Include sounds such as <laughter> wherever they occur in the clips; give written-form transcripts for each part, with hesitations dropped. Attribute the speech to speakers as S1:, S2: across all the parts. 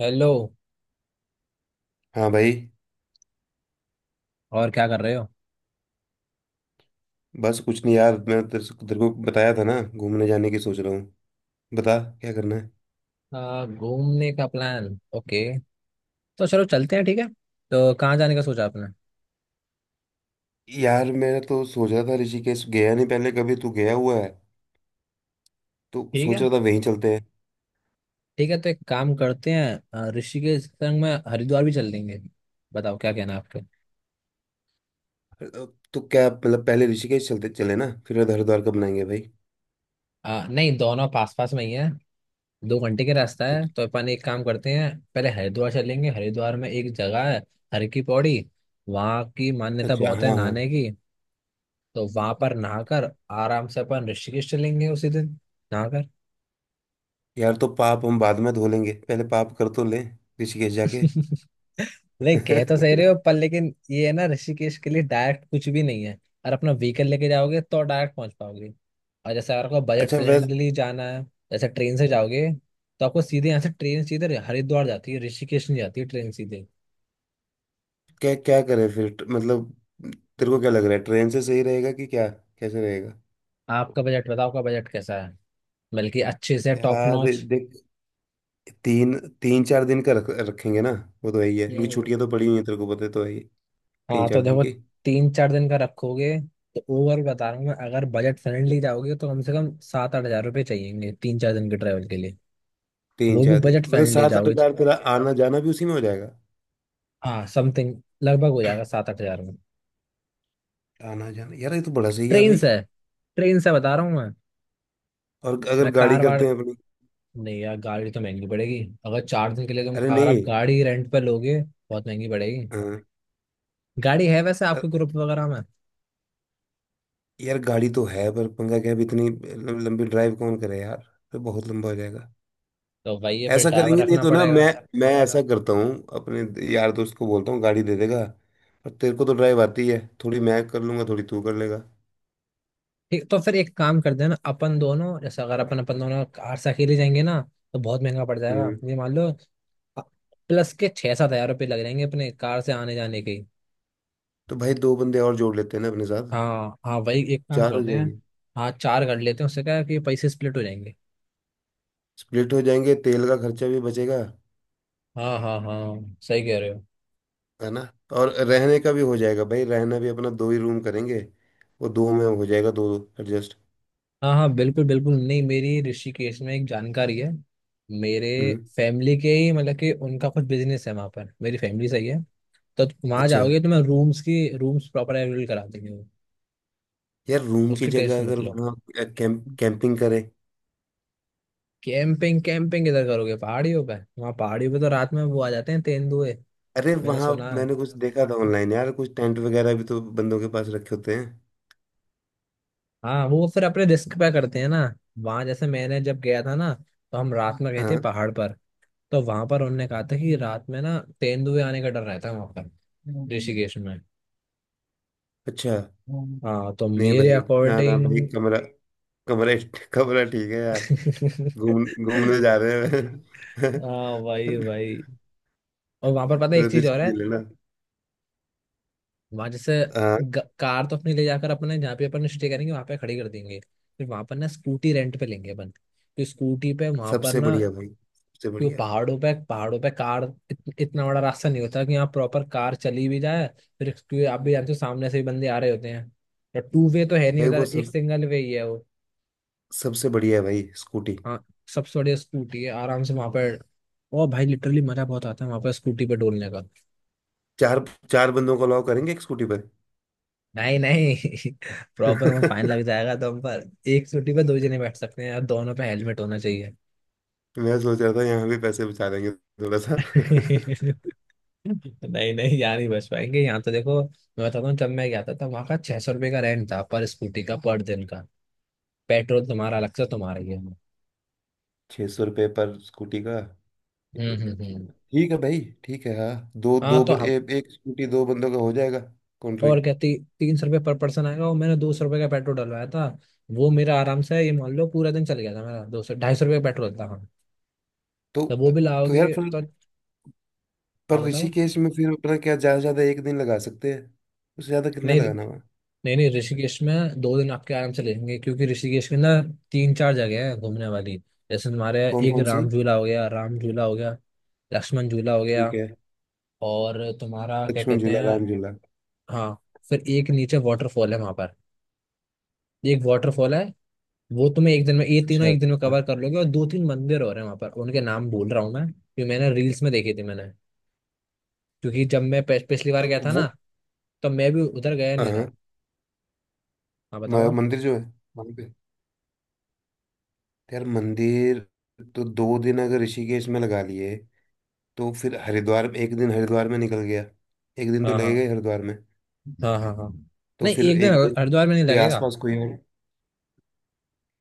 S1: Hello.
S2: हाँ भाई।
S1: और क्या कर रहे हो?
S2: बस कुछ नहीं यार, मैं तेरे से तेरे को बताया था ना, घूमने जाने की सोच रहा हूँ। बता क्या करना है।
S1: घूमने का प्लान। ओके। तो चलो चलते हैं, ठीक है। तो कहाँ जाने का सोचा आपने?
S2: यार मैं तो सोच रहा था, ऋषिकेश गया नहीं पहले कभी। तू गया हुआ है? तो
S1: ठीक
S2: सोच
S1: है,
S2: रहा था वहीं चलते हैं।
S1: ठीक है, तो एक काम करते हैं। ऋषिकेश के संग में हरिद्वार भी चल लेंगे। बताओ क्या कहना है आपके।
S2: अ, तो क्या मतलब पहले ऋषिकेश चलते चले ना, फिर हरिद्वार का बनाएंगे भाई।
S1: नहीं, दोनों पास पास में ही है। 2 घंटे का रास्ता है,
S2: अच्छ-
S1: तो अपन एक काम करते हैं, पहले हरिद्वार चलेंगे। हरिद्वार में एक जगह है, हर की पौड़ी। वहाँ की मान्यता
S2: अच्छा
S1: बहुत है
S2: हाँ हाँ।
S1: नहाने की। तो वहां पर नहाकर आराम से अपन ऋषिकेश चलेंगे उसी दिन। नहाकर।
S2: यार तो पाप हम बाद में धो लेंगे, पहले पाप कर तो लें, ऋषिकेश जाके।
S1: नहीं, कह तो सही रहे हो,
S2: <laughs>
S1: पर लेकिन ये है ना ऋषिकेश के लिए डायरेक्ट कुछ भी नहीं है। और अपना व्हीकल लेके जाओगे तो डायरेक्ट पहुंच पाओगे। और जैसे अगर आपको बजट
S2: अच्छा वैसे।
S1: फ्रेंडली जाना है, जैसे ट्रेन से जाओगे, तो आपको सीधे यहाँ से ट्रेन, सीधे हरिद्वार जाती है, ऋषिकेश नहीं जाती है ट्रेन सीधे।
S2: क्या क्या करें फिर? मतलब तेरे को क्या लग रहा है, ट्रेन से सही रहेगा कि क्या? कैसे रहेगा?
S1: आपका बजट बताओ, आपका बजट कैसा है? बल्कि अच्छे से टॉप
S2: यार
S1: नॉच।
S2: देख, तीन तीन चार दिन का रख रखेंगे ना। वो तो यही है, क्योंकि
S1: हम्म।
S2: छुट्टियां तो पड़ी हुई हैं, तेरे को पता है, तो है ही। तीन
S1: हाँ, तो
S2: चार दिन
S1: देखो,
S2: की।
S1: 3 4 दिन का रखोगे, तो ओवर बता रहा हूँ मैं, अगर बजट फ्रेंडली जाओगे तो कम से कम 7 8 हजार रुपये चाहिएंगे 3 4 दिन के ट्रैवल के लिए।
S2: तीन
S1: वो भी
S2: चार दिन
S1: बजट
S2: मतलब
S1: फ्रेंडली
S2: सात आठ
S1: जाओगे।
S2: हजार तेरा आना जाना भी उसी में हो जाएगा?
S1: हाँ, समथिंग लगभग हो जाएगा 7 8 हजार में।
S2: आना जाना यार, ये तो बड़ा सही है
S1: ट्रेन
S2: भाई।
S1: से। ट्रेन से बता रहा हूँ मैं।
S2: और अगर
S1: मैं
S2: गाड़ी
S1: कार
S2: करते
S1: वार,
S2: हैं अपनी?
S1: नहीं यार गाड़ी तो महंगी पड़ेगी, अगर 4 दिन के लिए तुम
S2: अरे
S1: अगर
S2: नहीं।
S1: आप गाड़ी रेंट पे लोगे, बहुत महंगी पड़ेगी।
S2: हाँ।
S1: गाड़ी है वैसे आपके
S2: अ-
S1: ग्रुप वगैरह में?
S2: यार गाड़ी तो है, पर पंगा क्या है, अब इतनी लंबी ड्राइव कौन करे यार। तो बहुत लंबा हो जाएगा।
S1: तो वही है, फिर
S2: ऐसा
S1: ड्राइवर
S2: करेंगे, नहीं
S1: रखना
S2: तो ना
S1: पड़ेगा।
S2: मैं ऐसा करता हूँ। अपने यार दोस्त को बोलता हूँ, गाड़ी दे देगा। और तेरे को तो ड्राइव आती है, थोड़ी मैं कर लूंगा, थोड़ी तू कर लेगा।
S1: ठीक, तो फिर एक काम कर देना, अपन दोनों जैसे अगर अपन अपन दोनों कार से अकेले जाएंगे ना, तो बहुत महंगा पड़ जाएगा
S2: हम्म।
S1: ये मान लो। प्लस के 6 7 हजार रुपये लग जाएंगे अपने कार से आने जाने के।
S2: तो भाई दो बंदे और जोड़ लेते हैं ना अपने साथ।
S1: हाँ हाँ, वही एक काम
S2: 4 हो
S1: करते हैं।
S2: जाएंगे।
S1: हाँ, चार कर लेते हैं, उससे क्या है कि पैसे स्प्लिट हो जाएंगे।
S2: स्प्लिट हो जाएंगे, तेल का खर्चा भी बचेगा,
S1: हाँ हाँ हाँ, सही कह रहे हो।
S2: है ना? और रहने का भी हो जाएगा भाई। रहना भी अपना 2 ही रूम करेंगे, वो 2 में हो जाएगा, 2 2 एडजस्ट।
S1: हाँ हाँ, बिल्कुल बिल्कुल। नहीं, मेरी ऋषिकेश में एक जानकारी है, मेरे
S2: हम्म।
S1: फैमिली के ही मतलब, कि उनका कुछ बिजनेस है वहाँ पर, मेरी फैमिली सही है। तो वहाँ
S2: अच्छा
S1: जाओगे तो मैं रूम्स की, रूम्स प्रॉपर अवेलेबल करा देंगे वो।
S2: यार, रूम की
S1: उसकी टेस्ट
S2: जगह अगर
S1: मतलब।
S2: वहाँ कैंपिंग करें?
S1: कैंपिंग? कैंपिंग किधर करोगे पहाड़ियों पे? वहाँ पहाड़ियों पे तो रात में वो आ जाते हैं तेंदुए।
S2: अरे
S1: मैंने
S2: वहाँ
S1: सुना है।
S2: मैंने कुछ देखा था ऑनलाइन यार, कुछ टेंट वगैरह भी तो बंदों के पास रखे होते हैं।
S1: हाँ, वो फिर अपने रिस्क पे करते हैं ना। वहां जैसे मैंने जब गया था ना, तो हम रात में गए थे
S2: हाँ।
S1: पहाड़ पर। तो वहां पर उन्होंने कहा था कि रात में ना तेंदुए आने का डर रहता है वहां पर ऋषिकेश में।
S2: अच्छा।
S1: हाँ, तो
S2: नहीं
S1: मेरे
S2: भाई, ना ना भाई,
S1: अकॉर्डिंग।
S2: कमरा कमरा कमरा ठीक है यार।
S1: <laughs>
S2: घूम घूमने जा रहे हैं।
S1: हाँ भाई
S2: <laughs>
S1: भाई। और वहां पर पता है एक चीज
S2: रिस्क
S1: और है।
S2: भी लेना।
S1: वहां जैसे
S2: हाँ
S1: कार तो अपनी ले जाकर अपने जहाँ पे अपन स्टे करेंगे वहां पे खड़ी कर देंगे। फिर वहां पर ना स्कूटी रेंट पे लेंगे अपन, तो स्कूटी पे वहां पर
S2: सबसे
S1: ना।
S2: बढ़िया भाई, सबसे
S1: क्यों?
S2: बढ़िया।
S1: पहाड़ों पे कार, इतना बड़ा रास्ता नहीं होता कि यहाँ प्रॉपर कार चली भी जाए। फिर क्योंकि आप भी जानते हो सामने से भी बंदे आ रहे होते हैं, तो टू वे तो है नहीं
S2: भाई
S1: उधर,
S2: वो
S1: एक
S2: सब
S1: सिंगल वे ही है वो।
S2: सबसे बढ़िया है भाई, स्कूटी।
S1: हाँ, सबसे बढ़िया स्कूटी है, आराम से वहां पर। ओ भाई, लिटरली मजा बहुत आता है वहां पर स्कूटी पे डोलने का।
S2: चार, चार बंदों को अलाउ करेंगे एक स्कूटी पर?
S1: नहीं नहीं, <laughs> प्रॉपर वहाँ फाइन लग
S2: <laughs>
S1: जाएगा, तो हम पर एक स्कूटी पे दो जने बैठ सकते हैं यार, दोनों पे हेलमेट होना चाहिए।
S2: मैं सोच रहा था यहाँ भी पैसे बचा लेंगे थोड़ा सा। <laughs>
S1: नहीं नहीं, यहाँ नहीं बच पाएंगे। यहाँ तो देखो मैं बताता हूँ, जब मैं गया था तब वहाँ का 600 रुपये का रेंट था पर स्कूटी का पर दिन का। पेट्रोल तुम्हारा अलग से, तुम्हारा ही है।
S2: ₹600 पर स्कूटी का?
S1: हम्म हम्म हम्म।
S2: ठीक है भाई ठीक है। हाँ दो
S1: हाँ
S2: दो
S1: तो हम,
S2: एक स्कूटी 2 बंदों का हो जाएगा। कॉन्ट्री।
S1: और क्या 300 रुपये पर पर्सन आएगा, और मैंने 200 रुपये का पेट्रोल डलवाया था, वो मेरा आराम से ये मान लो पूरा दिन चल गया था मेरा, 200 250 रुपये का पेट्रोल था, हाँ।
S2: तो
S1: तो वो भी
S2: तो यार
S1: लाओगे
S2: फिर,
S1: तो। हाँ
S2: पर
S1: बताओ।
S2: ऋषिकेश में फिर अपना क्या, ज़्यादा से ज़्यादा 1 दिन लगा सकते हैं। उससे ज़्यादा कितना
S1: नहीं
S2: लगाना हुआ?
S1: नहीं नहीं, ऋषिकेश में 2 दिन आपके आराम से लेंगे क्योंकि ऋषिकेश में ना तीन चार जगह है घूमने वाली। जैसे तुम्हारे
S2: कौन
S1: एक
S2: कौन सी?
S1: राम झूला हो गया, राम झूला हो गया, लक्ष्मण झूला हो गया,
S2: ठीक है।
S1: और तुम्हारा क्या
S2: लक्ष्मण
S1: कहते
S2: झूला,
S1: हैं।
S2: राम झूला।
S1: हाँ, फिर एक नीचे वाटरफॉल है वहां पर, एक वाटरफॉल है। वो तुम्हें एक दिन में ये तीनों
S2: अच्छा।
S1: एक दिन में कवर कर लोगे, और दो तीन मंदिर और हैं वहां पर, उनके नाम भूल रहा हूँ मैं, क्योंकि मैंने रील्स में देखी थी मैंने। क्योंकि जब मैं पिछली बार
S2: तो
S1: गया था ना,
S2: वो,
S1: तो मैं भी उधर गया नहीं था।
S2: हाँ।
S1: हाँ बताओ आप।
S2: मंदिर जो है वहाँ पे। तो यार मंदिर, तो दो दिन अगर ऋषिकेश में लगा लिए, तो फिर हरिद्वार में 1 दिन, हरिद्वार में निकल गया। एक दिन तो
S1: हाँ
S2: लगेगा
S1: हाँ
S2: ही हरिद्वार में।
S1: हाँ। हाँ हाँ,
S2: तो
S1: नहीं
S2: फिर
S1: एक दिन
S2: एक दिन
S1: हरिद्वार में नहीं
S2: कोई
S1: लगेगा,
S2: आसपास कोई है?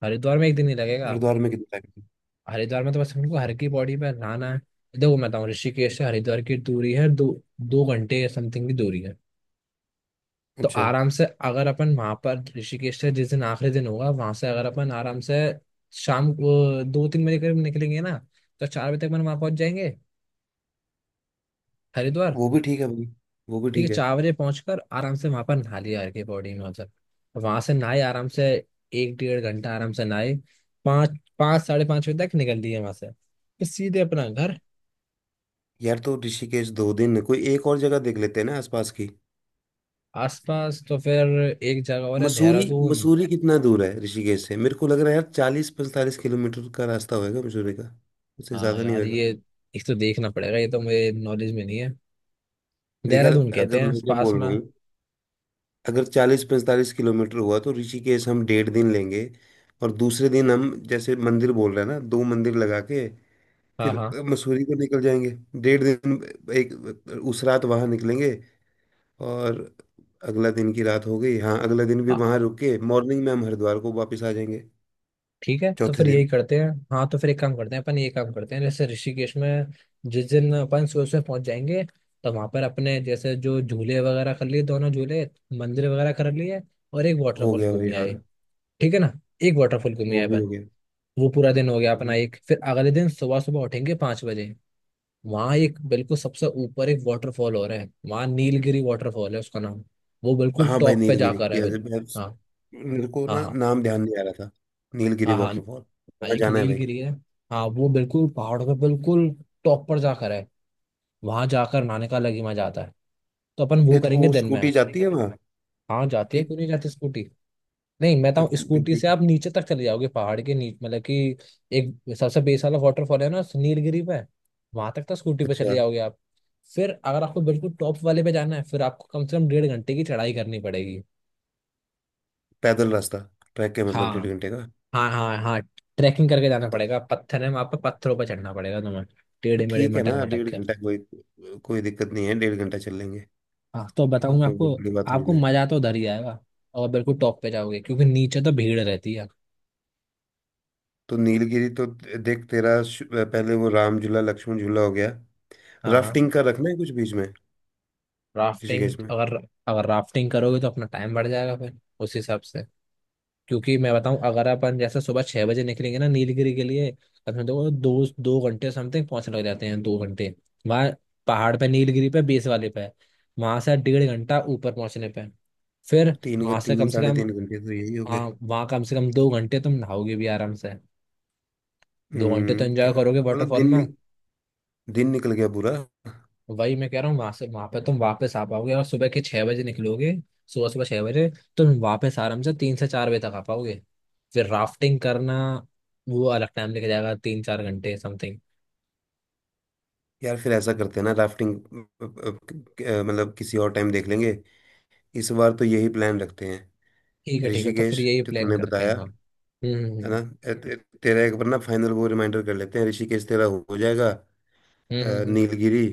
S1: हरिद्वार में एक दिन ही लगेगा।
S2: हरिद्वार में कितना time?
S1: हरिद्वार में तो बस हमको हर की बॉडी पे नहाना है। देखो मैं बताऊँ, ऋषिकेश से हरिद्वार की दूरी है दो, 2 घंटे समथिंग की दूरी है। तो
S2: अच्छा।
S1: आराम से अगर अपन वहां पर ऋषिकेश से जिस दिन आखिरी दिन होगा वहां से अगर अपन आराम से शाम को 2 3 बजे करीब निकलेंगे ना, तो 4 बजे तक अपन वहां पहुंच जाएंगे, हरिद्वार।
S2: वो भी ठीक है भाई, वो भी
S1: ठीक है,
S2: ठीक है।
S1: 4 बजे पहुंचकर आराम से वहां पर नहा लिया हर की बॉडी में मतलब, वहां से नहाए आराम से, एक 1.5 घंटा आराम से नहाए, पाँच, पाँच 5:30 बजे तक निकल दिए वहां से फिर सीधे अपना घर।
S2: यार तो ऋषिकेश 2 दिन, कोई एक और जगह देख लेते हैं ना आसपास की।
S1: आसपास तो फिर एक जगह और है,
S2: मसूरी।
S1: देहरादून।
S2: मसूरी कितना दूर है ऋषिकेश से? मेरे को लग रहा है यार 40 45 किलोमीटर का रास्ता होएगा मसूरी का, उससे
S1: हाँ
S2: ज्यादा नहीं
S1: यार
S2: होएगा।
S1: ये एक तो देखना पड़ेगा, ये तो मेरे नॉलेज में नहीं है,
S2: देख यार,
S1: देहरादून कहते
S2: अगर,
S1: हैं
S2: मैं क्या
S1: पास
S2: बोल
S1: में।
S2: रहा हूँ, अगर 40 45 किलोमीटर हुआ, तो ऋषिकेश हम 1.5 दिन लेंगे। और दूसरे दिन हम जैसे मंदिर बोल रहे हैं ना, 2 मंदिर लगा के
S1: हाँ
S2: फिर
S1: हाँ
S2: मसूरी को निकल जाएंगे। डेढ़ दिन, एक, उस रात वहां निकलेंगे। और अगला दिन की रात हो गई, हाँ अगला दिन भी
S1: हाँ।
S2: वहां रुक के, मॉर्निंग में हम हरिद्वार को वापस आ जाएंगे।
S1: ठीक है तो
S2: चौथे
S1: फिर
S2: दिन।
S1: यही करते हैं, हाँ तो फिर एक काम करते हैं, अपन ये काम करते हैं जैसे ऋषिकेश में जिस दिन अपन सुबह सुबह पहुंच जाएंगे, तो वहां पर अपने जैसे जो झूले वगैरह कर लिए दोनों झूले, मंदिर वगैरह कर लिए, और एक
S2: हो
S1: वाटरफॉल
S2: गया भाई
S1: घूमी
S2: हाँ।
S1: आए। ठीक है ना, एक वाटरफॉल घूमी
S2: वो
S1: आए
S2: भी
S1: अपन।
S2: हो गया।
S1: वो पूरा दिन हो गया अपना
S2: हम्म।
S1: एक, फिर अगले दिन सुबह सुबह उठेंगे 5 बजे। वहाँ एक बिल्कुल सबसे ऊपर एक वाटरफॉल हो रहा है वहाँ, नीलगिरी वाटरफॉल है उसका नाम। वो बिल्कुल
S2: हाँ भाई
S1: टॉप पे
S2: नीलगिरी,
S1: जाकर है बिल्कुल।
S2: यस।
S1: हाँ
S2: मेरे को
S1: हाँ
S2: ना
S1: हाँ
S2: नाम ध्यान नहीं आ रहा था। नीलगिरी
S1: हाँ हाँ।
S2: वाटरफॉल।
S1: हाँ,
S2: वहाँ
S1: एक
S2: जाना है भाई।
S1: नीलगिरी है। हाँ, वो बिल्कुल पहाड़ पे बिल्कुल टॉप पर जाकर है। वहां जाकर नहाने का अलग ही मजा आता है, तो अपन वो
S2: नहीं तो
S1: करेंगे
S2: वो
S1: दिन में।
S2: स्कूटी जाती है वहाँ
S1: हाँ जाती है,
S2: कि?
S1: क्यों नहीं जाती स्कूटी? नहीं, मैं बताऊँ, स्कूटी से आप नीचे तक चले जाओगे पहाड़ के नीचे, मतलब कि एक सबसे बेस वाला वाटरफॉल है ना नीलगिरी पे, वहां तक तो स्कूटी पे चले
S2: अच्छा।
S1: जाओगे आप। फिर अगर आपको बिल्कुल टॉप वाले पे जाना है, फिर आपको कम से कम 1.5 घंटे की चढ़ाई करनी पड़ेगी।
S2: पैदल रास्ता? ट्रैक है मतलब
S1: हाँ
S2: 1.5 घंटे का?
S1: हाँ हाँ हाँ, ट्रैकिंग करके जाना पड़ेगा, पत्थर है वहां पे, पत्थरों पर चढ़ना पड़ेगा तुम्हें
S2: तो
S1: टेढ़े मेढ़े,
S2: ठीक है
S1: मटक
S2: ना,
S1: मटक
S2: डेढ़
S1: के।
S2: घंटा कोई कोई दिक्कत नहीं है, 1.5 घंटा चल लेंगे।
S1: हाँ तो
S2: ठीक
S1: बताऊँ
S2: है,
S1: मैं
S2: कोई
S1: आपको,
S2: बहुत बड़ी बात थोड़ी
S1: आपको
S2: ना है।
S1: मजा तो उधर ही आएगा, और बिल्कुल टॉप पे जाओगे, क्योंकि नीचे तो भीड़ रहती है।
S2: तो नीलगिरी तो, देख तेरा पहले वो राम झूला लक्ष्मण झूला हो गया।
S1: हाँ हाँ,
S2: राफ्टिंग का रखना है कुछ बीच में किसी केस
S1: राफ्टिंग
S2: में?
S1: अगर, अगर राफ्टिंग करोगे तो अपना टाइम बढ़ जाएगा फिर उस हिसाब से। क्योंकि मैं बताऊं अगर अपन जैसे सुबह 6 बजे निकलेंगे ना नीलगिरी के लिए, अपने देखो दो दो घंटे समथिंग पहुंचने लग जाते हैं, दो घंटे वहां, पहाड़ पे नीलगिरी पे बेस वाले पे, वहां से 1.5 घंटा ऊपर पहुंचने पे, फिर
S2: तीन
S1: वहां से
S2: तीन
S1: कम से
S2: साढ़े
S1: कम,
S2: तीन घंटे तो यही हो गए।
S1: हाँ वहां कम से कम 2 घंटे तुम नहाओगे भी आराम से, 2 घंटे तो
S2: हम्म,
S1: एंजॉय
S2: क्या?
S1: करोगे
S2: मतलब
S1: वाटरफॉल
S2: दिन,
S1: में।
S2: दिन निकल गया पूरा।
S1: वही मैं कह रहा हूँ वहां से, वहां पे तुम वापस आ पाओगे और सुबह के 6 बजे निकलोगे, सुबह सुबह 6 बजे, तुम वापस आराम से 3 से 4 बजे तक आ पाओगे। फिर राफ्टिंग करना, वो अलग टाइम लेके जाएगा 3 4 घंटे समथिंग।
S2: यार फिर ऐसा करते हैं ना, राफ्टिंग मतलब किसी और टाइम देख लेंगे, इस बार तो यही प्लान रखते हैं।
S1: ठीक है तो फिर
S2: ऋषिकेश
S1: यही
S2: जो
S1: प्लान
S2: तूने
S1: करते हैं।
S2: बताया
S1: हाँ
S2: है ना,
S1: हम्म।
S2: ए- ते- तेरा एक बार ना फाइनल वो रिमाइंडर कर लेते हैं। ऋषिकेश तेरा हो जाएगा।
S1: हम्म, हम्म, हम्म,
S2: नीलगिरी,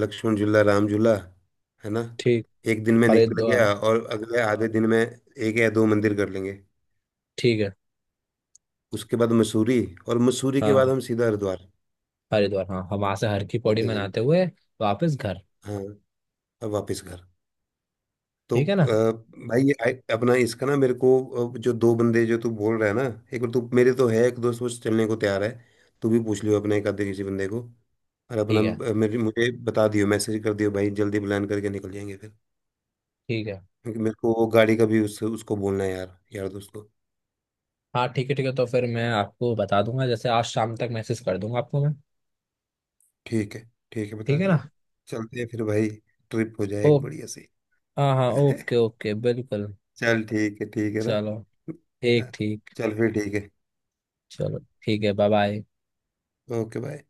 S2: लक्ष्मण झूला, राम झूला, है ना,
S1: ठीक।
S2: 1 दिन में निकल
S1: हरिद्वार।
S2: गया। और अगले आधे दिन में 1 या 2 मंदिर कर लेंगे।
S1: ठीक है।
S2: उसके बाद मसूरी, और मसूरी
S1: हाँ
S2: के बाद
S1: हाँ,
S2: हम सीधा हरिद्वार।
S1: हरिद्वार हाँ, हम वहां से हर की पौड़ी
S2: चौथे दिन,
S1: मनाते हुए वापस घर।
S2: हाँ, अब वापस घर। तो
S1: ठीक है ना।
S2: भाई ये अपना इसका ना मेरे को, जो 2 बंदे जो तू बोल रहा है ना, एक बार, तू मेरे तो है एक दोस्त वो चलने को तैयार है, तू भी पूछ लियो अपने एक आधे किसी बंदे को। और अपना
S1: ठीक है
S2: मेरे मुझे बता दियो, मैसेज कर दियो भाई, जल्दी प्लान करके निकल जाएंगे फिर।
S1: ठीक है,
S2: क्योंकि मेरे को वो गाड़ी का भी उसको बोलना है यार, यार दोस्त को।
S1: हाँ, ठीक है तो फिर मैं आपको बता दूंगा, जैसे आज शाम तक मैसेज कर दूंगा आपको मैं।
S2: ठीक है, ठीक है, बता
S1: ठीक है
S2: दियो।
S1: ना।
S2: चलते हैं फिर भाई, ट्रिप हो जाए एक
S1: ओके।
S2: बढ़िया सी।
S1: हाँ हाँ,
S2: <laughs>
S1: ओके ओके, बिल्कुल।
S2: चल ठीक है, ठीक है ना।
S1: चलो, ठीक ठीक।
S2: चल फिर ठीक है।
S1: चलो ठीक है, बाय बाय।
S2: Okay bye.